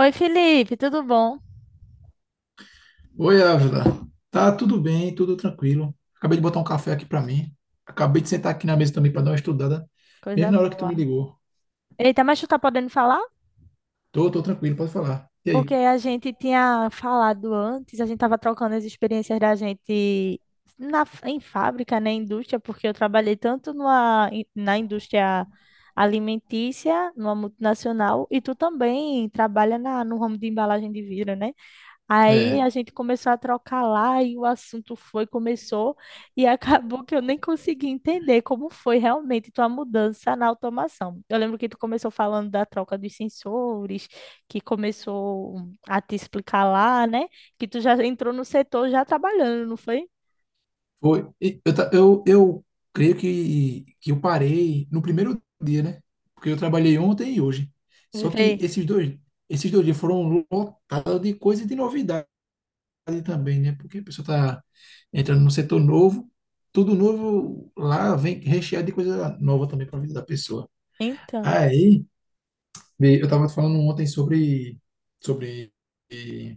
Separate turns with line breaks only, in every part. Oi, Felipe, tudo bom?
Oi, Ávila. Tá tudo bem, tudo tranquilo. Acabei de botar um café aqui pra mim. Acabei de sentar aqui na mesa também pra dar uma estudada,
Coisa
mesmo na hora que tu
boa.
me ligou.
Eita, mas tu tá podendo falar?
Tô tranquilo, pode falar. E
Porque
aí?
a gente tinha falado antes, a gente tava trocando as experiências da gente em fábrica, né, indústria, porque eu trabalhei tanto na indústria alimentícia, numa multinacional, e tu também trabalha no ramo de embalagem de vidro, né? Aí
É,
a gente começou a trocar lá e o começou e acabou que eu nem consegui entender como foi realmente tua mudança na automação. Eu lembro que tu começou falando da troca dos sensores, que começou a te explicar lá, né? Que tu já entrou no setor já trabalhando, não foi?
foi. E eu creio que eu parei no primeiro dia, né? Porque eu trabalhei ontem e hoje. Só
Vê.
que esses dois dias foram lotados de coisa e de novidade também, né? Porque a pessoa está entrando num setor novo, tudo novo lá vem recheado de coisa nova também para a vida da pessoa.
Então,
Aí, vê, eu estava falando ontem sobre eh,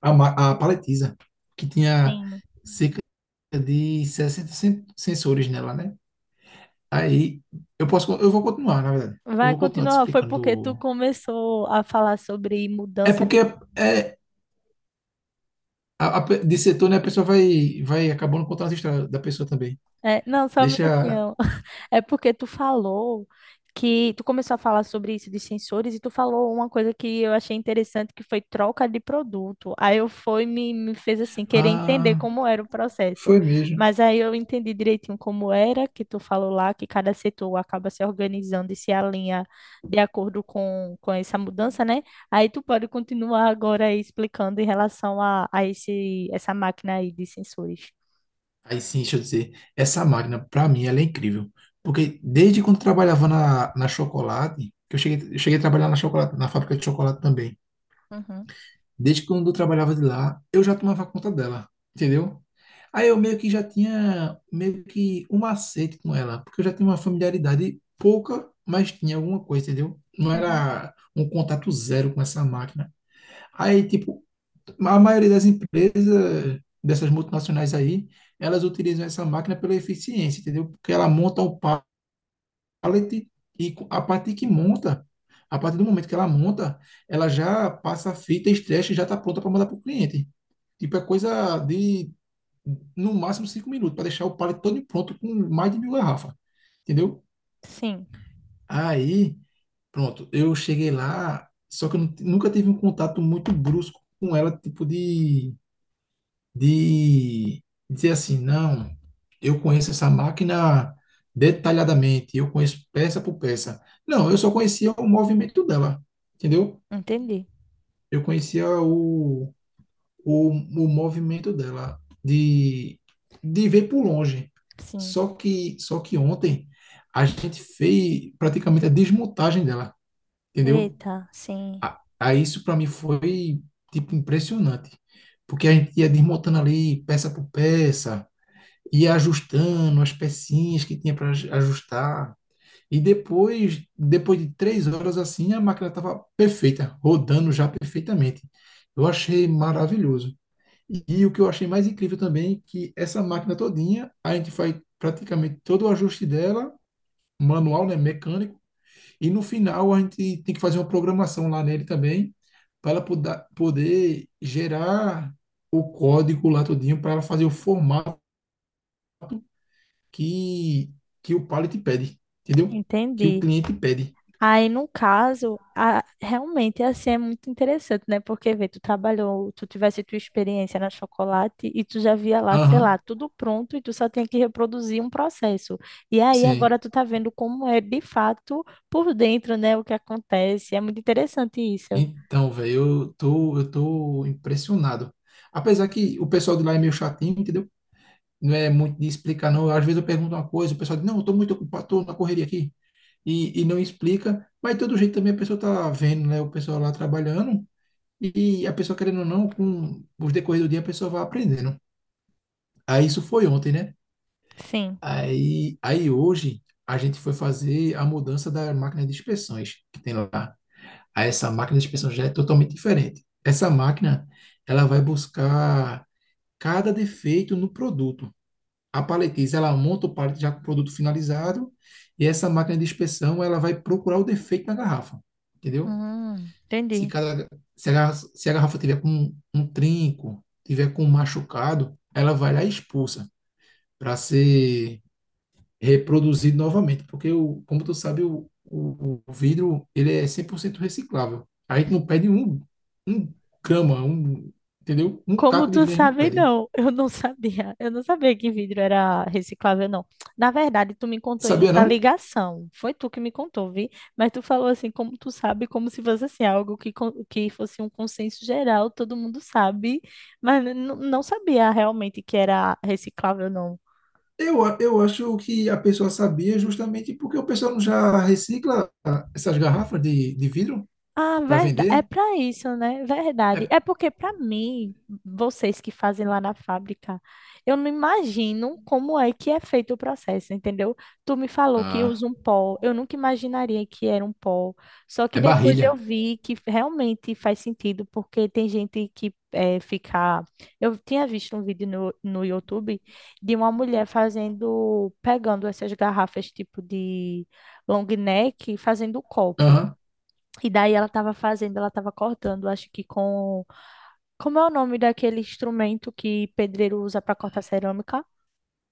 a paletiza, que tinha
sim,
cerca de 60 sensores nela, né? Aí, eu vou continuar, na verdade. Eu
vai
vou continuar te
continuar. Foi
explicando.
porque tu começou a falar sobre
É
mudança
porque
de.
é, é, de setor, né? A pessoa vai acabando contando as histórias da pessoa também.
É, não, só um
Deixa.
minutinho. É porque tu falou que tu começou a falar sobre isso de sensores e tu falou uma coisa que eu achei interessante que foi troca de produto. Aí eu me fez assim querer entender
Ah,
como era o processo.
Foi mesmo.
Mas aí eu entendi direitinho como era que tu falou lá que cada setor acaba se organizando e se alinha de acordo com essa mudança, né? Aí tu pode continuar agora aí explicando em relação a esse essa máquina aí de sensores.
Aí sim, deixa eu dizer, essa máquina, pra mim, ela é incrível. Porque desde quando trabalhava na chocolate, que eu cheguei a trabalhar na chocolate, na fábrica de chocolate também.
Uhum,
Desde quando eu trabalhava de lá, eu já tomava conta dela, entendeu? Aí eu meio que já tinha meio que um macete com ela, porque eu já tinha uma familiaridade pouca, mas tinha alguma coisa, entendeu? Não
uhum.
era um contato zero com essa máquina. Aí, tipo, a maioria das empresas, dessas multinacionais aí, elas utilizam essa máquina pela eficiência, entendeu? Porque ela monta o pallet e a partir do momento que ela monta, ela já passa a fita, estresse e já está pronta para mandar para o cliente. Tipo, é coisa de, no máximo, 5 minutos, para deixar o pallet todo pronto com mais de 1.000 garrafas, entendeu?
Sim,
Aí, pronto, eu cheguei lá, só que eu nunca tive um contato muito brusco com ela, tipo de dizer assim, não, eu conheço essa máquina detalhadamente, eu conheço peça por peça. Não, eu só conhecia o movimento dela, entendeu?
entendi.
Eu conhecia o movimento dela, de ver por longe.
Sim.
Só que ontem a gente fez praticamente a desmontagem dela, entendeu?
Eita, sim,
Aí isso para mim foi, tipo, impressionante. Porque a gente ia desmontando ali peça por peça, ia ajustando as pecinhas que tinha para ajustar. E depois de 3 horas assim, a máquina estava perfeita, rodando já perfeitamente. Eu achei maravilhoso. E o que eu achei mais incrível também, é que essa máquina todinha, a gente faz praticamente todo o ajuste dela, manual, né, mecânico, e no final a gente tem que fazer uma programação lá nele também, para ela poder gerar o código lá todinho, para ela fazer o formato que, que o pallet pede, entendeu? Que o
entendi.
cliente pede.
Aí, no caso, realmente assim é muito interessante, né? Porque, vê, tu trabalhou, tu tivesse tua experiência na chocolate e tu já via lá, sei lá,
Aham,
tudo pronto e tu só tinha que reproduzir um processo. E aí,
sim.
agora tu tá vendo como é de fato por dentro, né? O que acontece. É muito interessante isso.
Então, velho, eu tô impressionado. Apesar que o pessoal de lá é meio chatinho, entendeu? Não é muito de explicar, não. Às vezes eu pergunto uma coisa, o pessoal diz, não, eu tô muito ocupado, tô na correria aqui. E não explica. Mas, de todo jeito, também a pessoa tá vendo, né? O pessoal lá trabalhando. E a pessoa, querendo ou não, com os decorrer do dia, a pessoa vai aprendendo. Aí, isso foi ontem, né?
Sim.
Aí hoje a gente foi fazer a mudança da máquina de inspeções que tem lá. Aí essa máquina de inspeção já é totalmente diferente. Essa máquina, ela vai buscar cada defeito no produto. A paletiza, ela monta o pallet já com o produto finalizado e essa máquina de inspeção, ela vai procurar o defeito na garrafa, entendeu? Se,
Entendi.
cada, se a garrafa tiver com um trinco, tiver com um machucado, ela vai lá e expulsa para ser reproduzido novamente, porque, como tu sabe, o vidro ele é 100% reciclável. A gente não perde um grama, entendeu? Um
Como
caco de
tu
vidro a gente não
sabe,
perde.
não. Eu não sabia. Eu não sabia que vidro era reciclável, não. Na verdade, tu me contou em
Sabia
outra
não?
ligação. Foi tu que me contou, vi? Mas tu falou assim, como tu sabe, como se fosse assim, algo que fosse um consenso geral, todo mundo sabe. Mas não sabia realmente que era reciclável, não.
Eu, eu acho que a pessoa sabia justamente porque o pessoal não já recicla essas garrafas de vidro
Ah,
para
verdade. É
vender.
para isso, né? Verdade.
É,
É porque para mim, vocês que fazem lá na fábrica, eu não imagino como é que é feito o processo, entendeu? Tu me falou que
ah,
usa um pó. Eu nunca imaginaria que era um pó. Só que
é
depois eu
barrilha.
vi que realmente faz sentido, porque tem gente que é, fica. Eu tinha visto um vídeo no YouTube de uma mulher fazendo, pegando essas garrafas tipo de long neck, e fazendo copo.
Aham.
E daí ela tava fazendo, ela tava cortando, acho que com. Como é o nome daquele instrumento que pedreiro usa pra cortar cerâmica?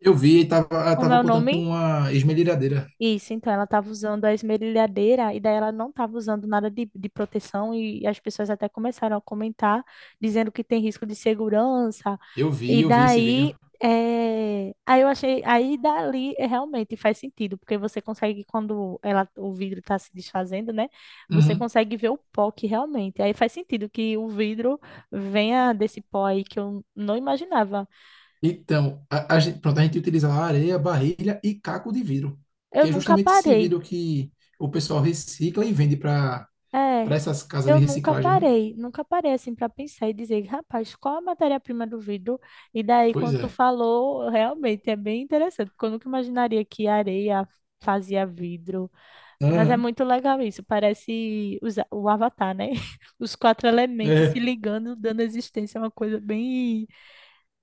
Eu vi, ela
Como é
tava
o
contando
nome?
com uma esmerilhadeira.
Isso, então ela estava usando a esmerilhadeira e daí ela não estava usando nada de proteção e as pessoas até começaram a comentar, dizendo que tem risco de segurança.
Eu vi,
E
eu vi esse vídeo.
daí, aí eu achei, aí dali, realmente faz sentido, porque você consegue, quando ela, o vidro está se desfazendo, né? Você
Uhum.
consegue ver o pó que realmente. Aí faz sentido que o vidro venha desse pó aí que eu não imaginava.
Então, pronto, a gente utilizava areia, barrilha e caco de vidro,
Eu
que é
nunca
justamente esse
parei
vidro que o pessoal recicla e vende para
É,
essas casas de
eu nunca
reciclagem, né?
parei, nunca parei assim para pensar e dizer, rapaz, qual a matéria-prima do vidro? E daí,
Pois
quando tu
é.
falou, realmente é bem interessante, porque eu nunca imaginaria que areia fazia vidro. Mas é
Aham.
muito legal isso, parece o Avatar, né? Os 4 elementos se
É.
ligando, dando existência, é uma coisa bem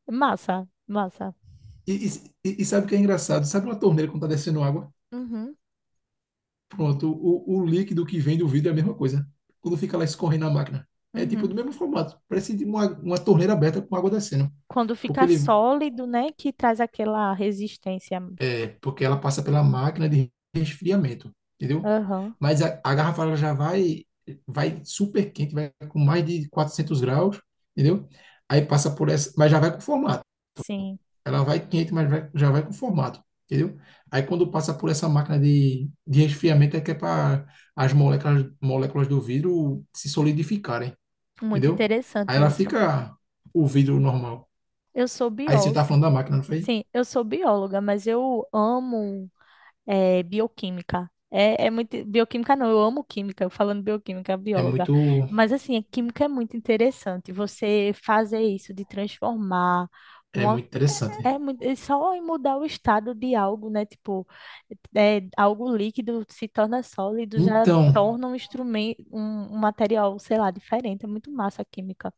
massa, massa.
E, e sabe o que é engraçado? Sabe uma torneira quando está descendo água?
Uhum,
Pronto, o líquido que vem do vidro é a mesma coisa. Quando fica lá escorrendo na máquina. É tipo do
uhum.
mesmo formato. Parece de uma torneira aberta com água descendo.
Quando
Porque
fica
ele,
sólido, né, que traz aquela resistência.
É, porque ela passa pela máquina de resfriamento, entendeu?
Aham,
Mas a garrafa ela já vai super quente, vai com mais de 400 graus, entendeu? Aí passa por essa, mas já vai com formato.
sim.
Ela vai quente, mas já vai com formato, entendeu? Aí quando passa por essa máquina de resfriamento é que é para as moléculas do vidro se solidificarem,
Muito
entendeu? Aí
interessante
ela
isso.
fica o vidro normal.
Eu sou
Aí você tá
bióloga.
falando da máquina, não foi?
Sim, eu sou bióloga, mas eu amo bioquímica. É, é muito. Bioquímica não, eu amo química, eu falando bioquímica,
É
bióloga.
muito,
Mas assim, a química é muito interessante. Você fazer isso de transformar
é
uma.
muito
É,
interessante.
é só em mudar o estado de algo, né? Tipo, é, algo líquido se torna sólido, já
Então,
torna um instrumento, um material, sei lá, diferente. É muito massa a química.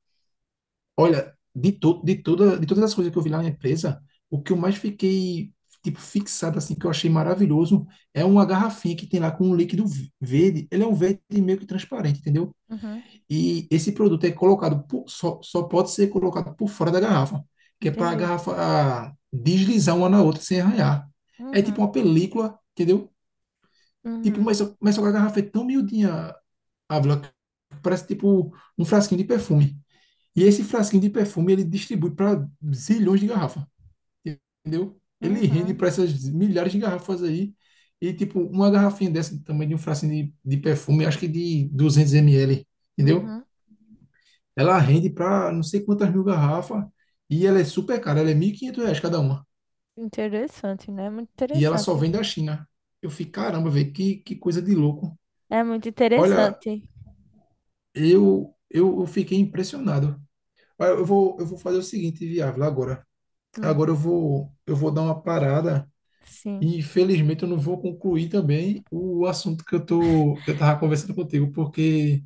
olha, de todas as coisas que eu vi lá na empresa, o que eu mais fiquei tipo fixado assim, que eu achei maravilhoso, é uma garrafinha que tem lá com um líquido verde. Ele é um verde meio que transparente, entendeu?
Uhum,
E esse produto é colocado só pode ser colocado por fora da garrafa, que é para a
entendi.
garrafa deslizar uma na outra sem arranhar. É
Uhum,
tipo uma película, entendeu? Tipo,
uhum,
mas, só que a garrafa é tão miudinha, Ávila, que parece tipo um frasquinho de perfume. E esse frasquinho de perfume ele distribui para zilhões de garrafas, entendeu? Ele rende
uhum.
para essas milhares de garrafas aí. E, tipo, uma garrafinha dessa também de um frasquinho de perfume, acho que de 200 ml, entendeu?
Uhum.
Ela rende para não sei quantas mil garrafas e ela é super cara, ela é R$ 1.500 cada uma.
Interessante, né? Muito
E ela só
interessante.
vem da China. Eu fiquei, caramba, velho, que coisa de louco.
É muito
Olha,
interessante.
eu fiquei impressionado. Olha, Eu vou fazer o seguinte, Viável, agora.
Hum,
Agora eu vou dar uma parada.
sim.
E infelizmente eu não vou concluir também o assunto que eu tava conversando contigo, porque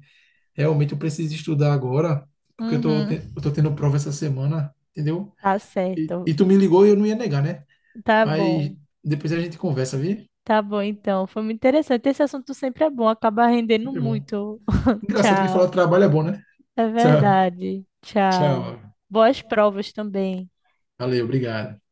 realmente eu preciso estudar agora, porque eu tô,
Uhum.
te- eu tô tendo prova essa semana, entendeu?
Tá
E,
certo.
e tu me ligou e eu não ia negar, né?
Tá
Mas
bom.
depois a gente conversa, viu?
Tá bom, então. Foi muito interessante. Esse assunto sempre é bom, acaba rendendo
Sempre bom.
muito.
Engraçado que falar
Tchau.
de trabalho é bom, né?
É
Tchau,
verdade. Tchau.
tchau.
Boas provas também.
Valeu, obrigado.